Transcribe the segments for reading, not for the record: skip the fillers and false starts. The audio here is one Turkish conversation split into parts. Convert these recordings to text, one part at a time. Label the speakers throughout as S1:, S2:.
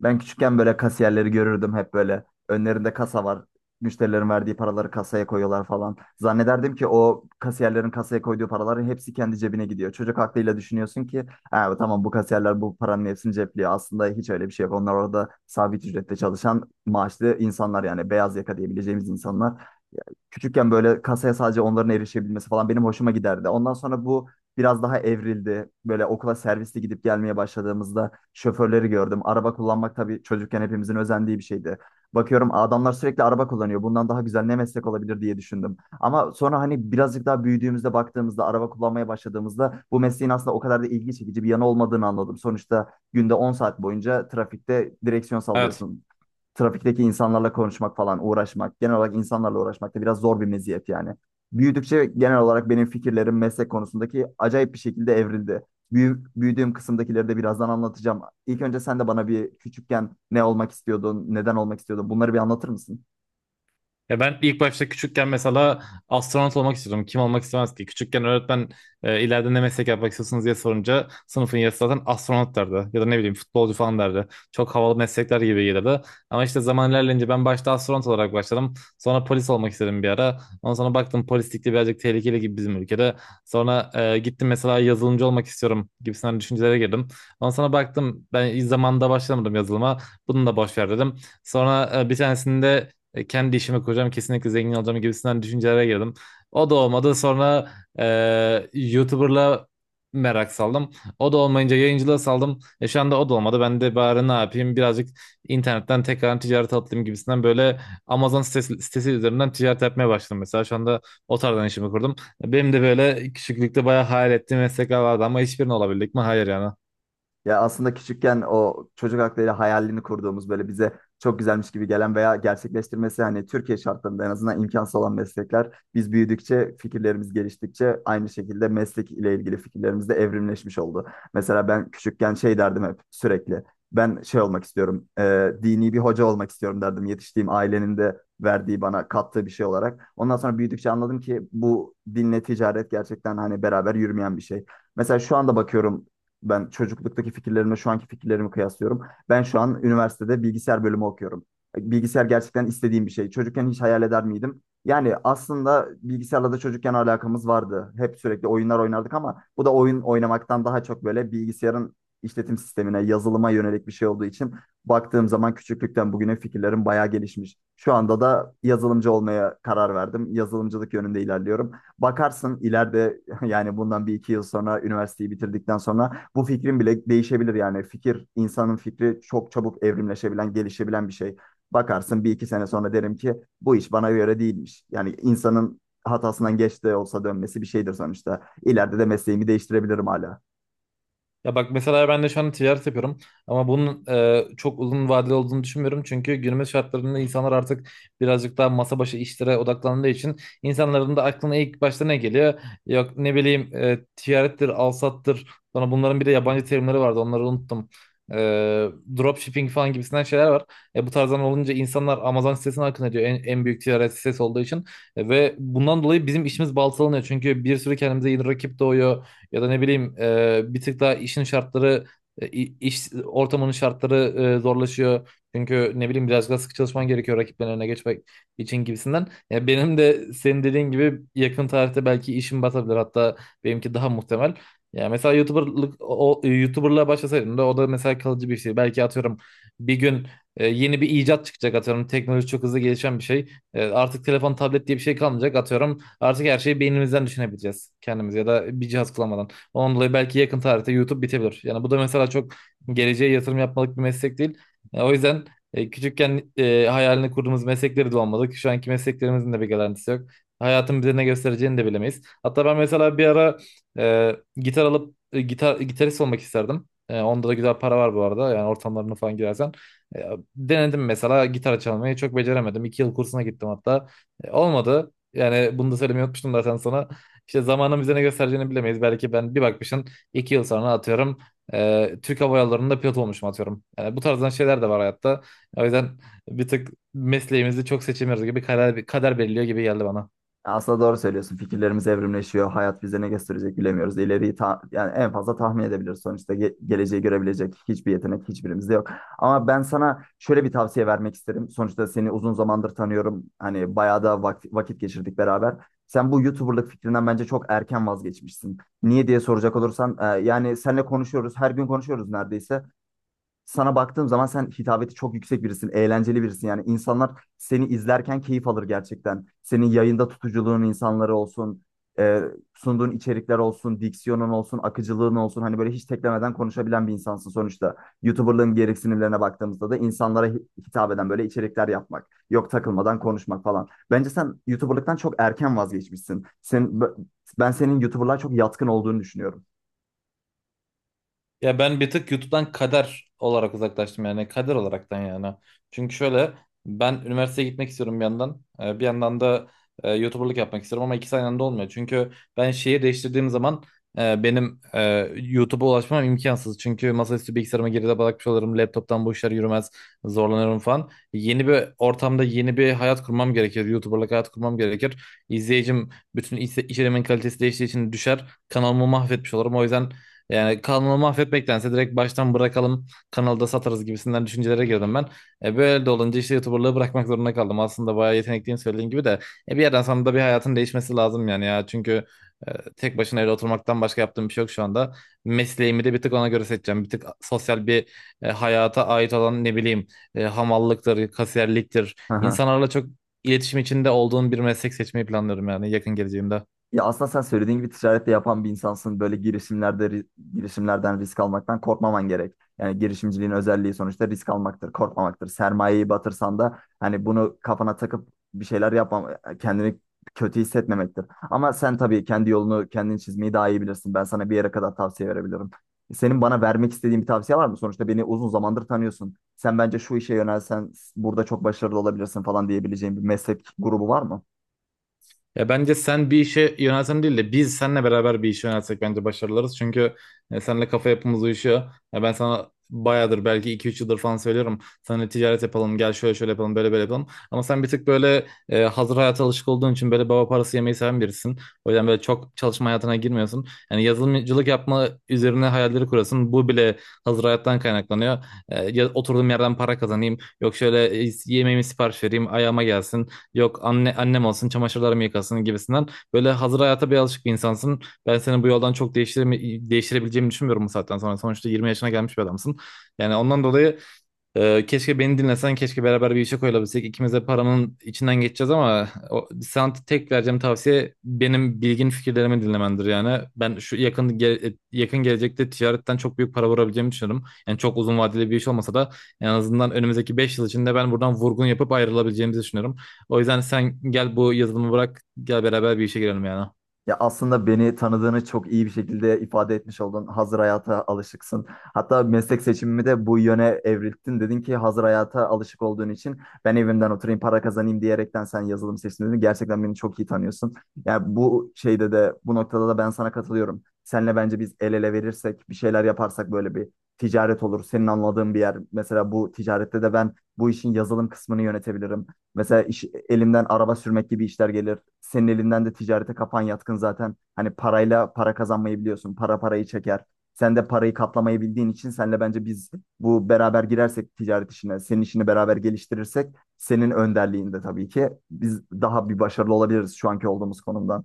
S1: Ben küçükken böyle kasiyerleri görürdüm hep böyle. Önlerinde kasa var. Müşterilerin verdiği paraları kasaya koyuyorlar falan. Zannederdim ki o kasiyerlerin kasaya koyduğu paraların hepsi kendi cebine gidiyor. Çocuk aklıyla düşünüyorsun ki ha, tamam bu kasiyerler bu paranın hepsini cepliyor. Aslında hiç öyle bir şey yok. Onlar orada sabit ücretle çalışan maaşlı insanlar yani beyaz yaka diyebileceğimiz insanlar küçükken böyle kasaya sadece onların erişebilmesi falan benim hoşuma giderdi. Ondan sonra bu biraz daha evrildi. Böyle okula servisle gidip gelmeye başladığımızda şoförleri gördüm. Araba kullanmak tabii çocukken hepimizin özendiği bir şeydi. Bakıyorum adamlar sürekli araba kullanıyor. Bundan daha güzel ne meslek olabilir diye düşündüm. Ama sonra hani birazcık daha büyüdüğümüzde baktığımızda araba kullanmaya başladığımızda bu mesleğin aslında o kadar da ilgi çekici bir yanı olmadığını anladım. Sonuçta günde 10 saat boyunca trafikte direksiyon
S2: Evet.
S1: sallıyorsun, trafikteki insanlarla konuşmak falan, uğraşmak, genel olarak insanlarla uğraşmak da biraz zor bir meziyet yani. Büyüdükçe genel olarak benim fikirlerim meslek konusundaki acayip bir şekilde evrildi. Büyüdüğüm kısımdakileri de birazdan anlatacağım. İlk önce sen de bana bir küçükken ne olmak istiyordun, neden olmak istiyordun bunları bir anlatır mısın?
S2: Ya ben ilk başta küçükken mesela astronot olmak istiyordum. Kim olmak istemez ki? Küçükken öğretmen ileride ne meslek yapmak istiyorsunuz diye sorunca sınıfın yarısı zaten astronot derdi. Ya da ne bileyim futbolcu falan derdi. Çok havalı meslekler gibi gelirdi. Ama işte zaman ilerleyince ben başta astronot olarak başladım. Sonra polis olmak istedim bir ara. Ondan sonra baktım polislik de birazcık tehlikeli gibi bizim ülkede. Sonra gittim mesela yazılımcı olmak istiyorum gibisinden düşüncelere girdim. Ondan sonra baktım ben zamanında başlamadım yazılıma. Bunu da boş ver dedim. Sonra bir tanesinde kendi işime kuracağım kesinlikle zengin olacağım gibisinden düşüncelere girdim. O da olmadı sonra YouTuber'la merak saldım. O da olmayınca yayıncılığa saldım. Şu anda o da olmadı. Ben de bari ne yapayım birazcık internetten tekrar ticarete atlayayım gibisinden böyle Amazon sitesi üzerinden ticaret yapmaya başladım mesela. Şu anda o tarzdan işimi kurdum. Benim de böyle küçüklükte bayağı hayal ettiğim meslekler vardı ama hiçbirini olabildik mi? Hayır yani.
S1: Ya aslında küçükken o çocuk hakları hayalini kurduğumuz böyle bize çok güzelmiş gibi gelen veya gerçekleştirmesi hani Türkiye şartlarında en azından imkansız olan meslekler biz büyüdükçe fikirlerimiz geliştikçe aynı şekilde meslek ile ilgili fikirlerimiz de evrimleşmiş oldu. Mesela ben küçükken şey derdim hep sürekli ben şey olmak istiyorum dini bir hoca olmak istiyorum derdim yetiştiğim ailenin de verdiği bana kattığı bir şey olarak. Ondan sonra büyüdükçe anladım ki bu dinle ticaret gerçekten hani beraber yürümeyen bir şey. Mesela şu anda bakıyorum ben çocukluktaki fikirlerimle şu anki fikirlerimi kıyaslıyorum. Ben şu an üniversitede bilgisayar bölümü okuyorum. Bilgisayar gerçekten istediğim bir şey. Çocukken hiç hayal eder miydim? Yani aslında bilgisayarla da çocukken alakamız vardı. Hep sürekli oyunlar oynardık ama bu da oyun oynamaktan daha çok böyle bilgisayarın işletim sistemine, yazılıma yönelik bir şey olduğu için baktığım zaman küçüklükten bugüne fikirlerim bayağı gelişmiş. Şu anda da yazılımcı olmaya karar verdim. Yazılımcılık yönünde ilerliyorum. Bakarsın ileride yani bundan bir iki yıl sonra üniversiteyi bitirdikten sonra bu fikrin bile değişebilir yani fikir insanın fikri çok çabuk evrimleşebilen gelişebilen bir şey. Bakarsın bir iki sene sonra derim ki bu iş bana göre değilmiş. Yani insanın hatasından geç de olsa dönmesi bir şeydir sonuçta. İleride de mesleğimi değiştirebilirim hala.
S2: Ya bak mesela ben de şu an ticaret yapıyorum ama bunun çok uzun vadeli olduğunu düşünmüyorum. Çünkü günümüz şartlarında insanlar artık birazcık daha masa başı işlere odaklandığı için insanların da aklına ilk başta ne geliyor? Yok ne bileyim ticarettir, alsattır. Sonra bunların bir de yabancı terimleri vardı onları unuttum. E, dropshipping falan gibisinden şeyler var. Bu tarzdan olunca insanlar Amazon sitesine akın ediyor en büyük ticaret sitesi olduğu için. Ve bundan dolayı bizim işimiz baltalanıyor. Çünkü bir sürü kendimize yeni rakip doğuyor. Ya da ne bileyim bir tık daha işin şartları iş ortamının şartları zorlaşıyor. Çünkü ne bileyim biraz daha sıkı çalışman gerekiyor rakiplerin önüne geçmek için gibisinden. Ya benim de senin dediğin gibi yakın tarihte belki işim batabilir. Hatta benimki daha muhtemel. Ya mesela YouTuber'lık YouTuber'lığa başlasaydım da o da mesela kalıcı bir şey. Belki atıyorum bir gün yeni bir icat çıkacak atıyorum. Teknoloji çok hızlı gelişen bir şey. Artık telefon, tablet diye bir şey kalmayacak atıyorum. Artık her şeyi beynimizden düşünebileceğiz kendimiz ya da bir cihaz kullanmadan. Ondan dolayı belki yakın tarihte YouTube bitebilir. Yani bu da mesela çok geleceğe yatırım yapmalık bir meslek değil. O yüzden küçükken hayalini kurduğumuz meslekleri de olmadık. Şu anki mesleklerimizin de bir garantisi yok. Hayatın bize ne göstereceğini de bilemeyiz. Hatta ben mesela bir ara gitar alıp gitar gitarist olmak isterdim. Onda da güzel para var bu arada. Yani ortamlarına falan girersen. E, denedim mesela gitar çalmayı çok beceremedim. 2 yıl kursuna gittim hatta. Olmadı. Yani bunu da söylemeyi unutmuştum zaten sana. İşte zamanın bize ne göstereceğini bilemeyiz. Belki ben bir bakmışım 2 yıl sonra atıyorum Türk Hava Yolları'nda pilot olmuşum atıyorum. Yani bu tarzdan şeyler de var hayatta. O yüzden bir tık mesleğimizi çok seçemiyoruz gibi kader, kader belirliyor gibi geldi bana.
S1: Aslında doğru söylüyorsun. Fikirlerimiz evrimleşiyor. Hayat bize ne gösterecek bilemiyoruz. İleriyi yani en fazla tahmin edebiliriz. Sonuçta geleceği görebilecek hiçbir yetenek hiçbirimizde yok. Ama ben sana şöyle bir tavsiye vermek isterim. Sonuçta seni uzun zamandır tanıyorum. Hani bayağı da vakit geçirdik beraber. Sen bu YouTuber'lık fikrinden bence çok erken vazgeçmişsin. Niye diye soracak olursan, yani seninle konuşuyoruz. Her gün konuşuyoruz neredeyse sana baktığım zaman sen hitabeti çok yüksek birisin, eğlenceli birisin. Yani insanlar seni izlerken keyif alır gerçekten. Senin yayında tutuculuğun insanları olsun, e, sunduğun içerikler olsun, diksiyonun olsun, akıcılığın olsun. Hani böyle hiç teklemeden konuşabilen bir insansın sonuçta. YouTuber'lığın gereksinimlerine baktığımızda da insanlara hitap eden böyle içerikler yapmak, yok takılmadan konuşmak falan. Bence sen YouTuber'lıktan çok erken vazgeçmişsin. Ben senin YouTuber'lığa çok yatkın olduğunu düşünüyorum.
S2: Ya ben bir tık YouTube'dan kader olarak uzaklaştım yani kader olaraktan yani. Çünkü şöyle ben üniversiteye gitmek istiyorum bir yandan. Bir yandan da YouTuber'lık yapmak istiyorum ama ikisi aynı anda olmuyor. Çünkü ben şehir değiştirdiğim zaman benim YouTube'a ulaşmam imkansız. Çünkü masaüstü bilgisayarıma geride bırakmış olurum. Laptop'tan bu işler yürümez. Zorlanırım falan. Yeni bir ortamda yeni bir hayat kurmam gerekir. YouTuber'lık hayat kurmam gerekir. İzleyicim bütün iş, içeriğimin kalitesi değiştiği için düşer. Kanalımı mahvetmiş olurum. O yüzden yani kanalı mahvetmektense direkt baştan bırakalım kanalda satarız gibisinden düşüncelere girdim ben. Böyle de olunca işte YouTuber'lığı bırakmak zorunda kaldım. Aslında bayağı yetenekliyim söylediğin gibi de bir yerden sonra da bir hayatın değişmesi lazım yani ya. Çünkü e, tek başına evde oturmaktan başka yaptığım bir şey yok şu anda. Mesleğimi de bir tık ona göre seçeceğim. Bir tık sosyal bir hayata ait olan ne bileyim hamallıktır, kasiyerliktir. İnsanlarla çok iletişim içinde olduğun bir meslek seçmeyi planlıyorum yani yakın geleceğimde.
S1: Ya aslında sen söylediğin gibi ticarette yapan bir insansın. Böyle girişimlerden risk almaktan korkmaman gerek. Yani girişimciliğin özelliği sonuçta risk almaktır, korkmamaktır. Sermayeyi batırsan da hani bunu kafana takıp bir şeyler yapmam, kendini kötü hissetmemektir. Ama sen tabii kendi yolunu kendin çizmeyi daha iyi bilirsin. Ben sana bir yere kadar tavsiye verebilirim. Senin bana vermek istediğin bir tavsiye var mı? Sonuçta beni uzun zamandır tanıyorsun. Sen bence şu işe yönelsen burada çok başarılı olabilirsin falan diyebileceğin bir meslek grubu var mı?
S2: Ya bence sen bir işe yönelsen değil de biz seninle beraber bir işe yönelsek bence başarılarız. Çünkü seninle kafa yapımız uyuşuyor. Ya ben sana bayağıdır belki iki üç yıldır falan söylüyorum. Seninle ticaret yapalım, gel şöyle şöyle yapalım, böyle böyle yapalım. Ama sen bir tık böyle hazır hayata alışık olduğun için böyle baba parası yemeyi seven birisin. O yüzden böyle çok çalışma hayatına girmiyorsun. Yani yazılımcılık yapma üzerine hayalleri kurasın. Bu bile hazır hayattan kaynaklanıyor. Oturduğum yerden para kazanayım. Yok şöyle yemeğimi sipariş vereyim, ayağıma gelsin yok annem olsun çamaşırlarımı yıkasın gibisinden böyle hazır hayata bir alışık bir insansın. Ben seni bu yoldan çok değiştirebileceğimi düşünmüyorum bu saatten sonra. Sonuçta 20 yaşına gelmiş bir adamsın. Yani ondan dolayı keşke beni dinlesen, keşke beraber bir işe koyulabilsek. İkimiz de paranın içinden geçeceğiz ama o, sana tek vereceğim tavsiye benim bilgin fikirlerimi dinlemendir yani. Ben şu yakın gelecekte ticaretten çok büyük para vurabileceğimi düşünüyorum. Yani çok uzun vadeli bir iş olmasa da en azından önümüzdeki 5 yıl içinde ben buradan vurgun yapıp ayrılabileceğimizi düşünüyorum. O yüzden sen gel bu yazılımı bırak, gel beraber bir işe girelim yani.
S1: Ya aslında beni tanıdığını çok iyi bir şekilde ifade etmiş oldun. Hazır hayata alışıksın. Hatta meslek seçimimi de bu yöne evrilttin. Dedin ki hazır hayata alışık olduğun için ben evimden oturayım para kazanayım diyerekten sen yazılım seçtin dedin. Gerçekten beni çok iyi tanıyorsun. Yani bu şeyde de bu noktada da ben sana katılıyorum. Seninle bence biz el ele verirsek bir şeyler yaparsak böyle bir ticaret olur. Senin anladığın bir yer. Mesela bu ticarette de ben bu işin yazılım kısmını yönetebilirim. Mesela iş, elimden araba sürmek gibi işler gelir. Senin elinden de ticarete kafan yatkın zaten. Hani parayla para kazanmayı biliyorsun. Para parayı çeker. Sen de parayı katlamayı bildiğin için senle bence biz bu beraber girersek ticaret işine, senin işini beraber geliştirirsek senin önderliğinde tabii ki biz daha bir başarılı olabiliriz şu anki olduğumuz konumdan.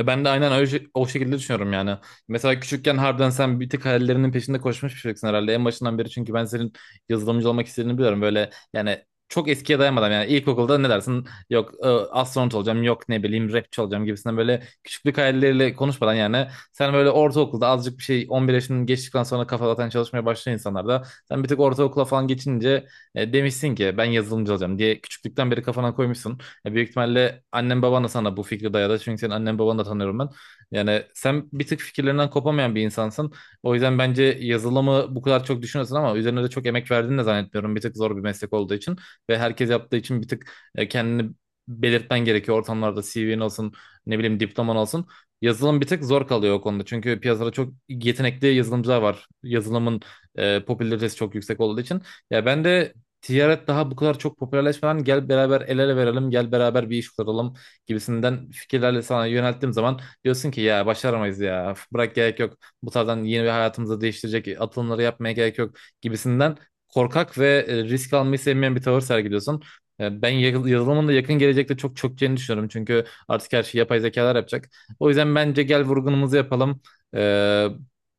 S2: Ben de aynen öyle, o şekilde düşünüyorum yani. Mesela küçükken harbiden sen bir tık hayallerinin peşinde koşmuş bir çocuksun herhalde en başından beri. Çünkü ben senin yazılımcı olmak istediğini biliyorum. Böyle yani çok eskiye dayanmadan yani ilkokulda ne dersin? Yok astronot olacağım, yok ne bileyim rapçi olacağım gibisinden böyle küçüklük hayalleriyle konuşmadan yani sen böyle ortaokulda azıcık bir şey 11 yaşını geçtikten sonra kafa zaten çalışmaya başlayan insanlarda sen bir tık ortaokula falan geçince demişsin ki ben yazılımcı olacağım diye küçüklükten beri kafana koymuşsun. Ya büyük ihtimalle annen baban da sana bu fikri dayadı. Çünkü senin annen babanı da tanıyorum ben. Yani sen bir tık fikirlerinden kopamayan bir insansın. O yüzden bence yazılımı bu kadar çok düşünüyorsun ama üzerine de çok emek verdiğini de zannetmiyorum. Bir tık zor bir meslek olduğu için ve herkes yaptığı için bir tık kendini belirtmen gerekiyor. Ortamlarda CV'nin olsun, ne bileyim diploman olsun. Yazılım bir tık zor kalıyor o konuda. Çünkü piyasada çok yetenekli yazılımcılar var. Yazılımın popülaritesi çok yüksek olduğu için. Ya ben de ticaret daha bu kadar çok popülerleşmeden gel beraber el ele verelim, gel beraber bir iş kuralım gibisinden fikirlerle sana yönelttiğim zaman diyorsun ki ya başaramayız ya bırak gerek yok bu tarzdan yeni bir hayatımızı değiştirecek atılımları yapmaya gerek yok gibisinden korkak ve risk almayı sevmeyen bir tavır sergiliyorsun. Ben yazılımın da yakın gelecekte çok çökeceğini düşünüyorum. Çünkü artık her şeyi yapay zekalar yapacak. O yüzden bence gel vurgunumuzu yapalım. E,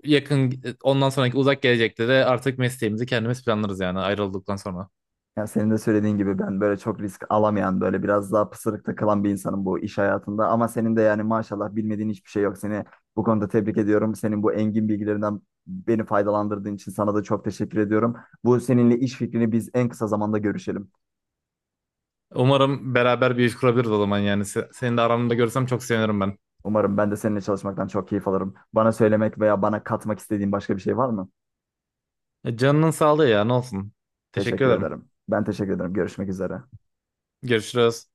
S2: yakın e, ondan sonraki uzak gelecekte de artık mesleğimizi kendimiz planlarız yani ayrıldıktan sonra.
S1: Ya senin de söylediğin gibi ben böyle çok risk alamayan böyle biraz daha pısırık kalan bir insanım bu iş hayatında. Ama senin de yani maşallah bilmediğin hiçbir şey yok. Seni bu konuda tebrik ediyorum. Senin bu engin bilgilerinden beni faydalandırdığın için sana da çok teşekkür ediyorum. Bu seninle iş fikrini biz en kısa zamanda görüşelim.
S2: Umarım beraber bir iş kurabiliriz o zaman yani. Seni de aramda görsem çok sevinirim ben.
S1: Umarım ben de seninle çalışmaktan çok keyif alırım. Bana söylemek veya bana katmak istediğin başka bir şey var mı?
S2: Canının sağlığı ya ne olsun. Teşekkür
S1: Teşekkür
S2: ederim.
S1: ederim. Ben teşekkür ederim. Görüşmek üzere.
S2: Görüşürüz.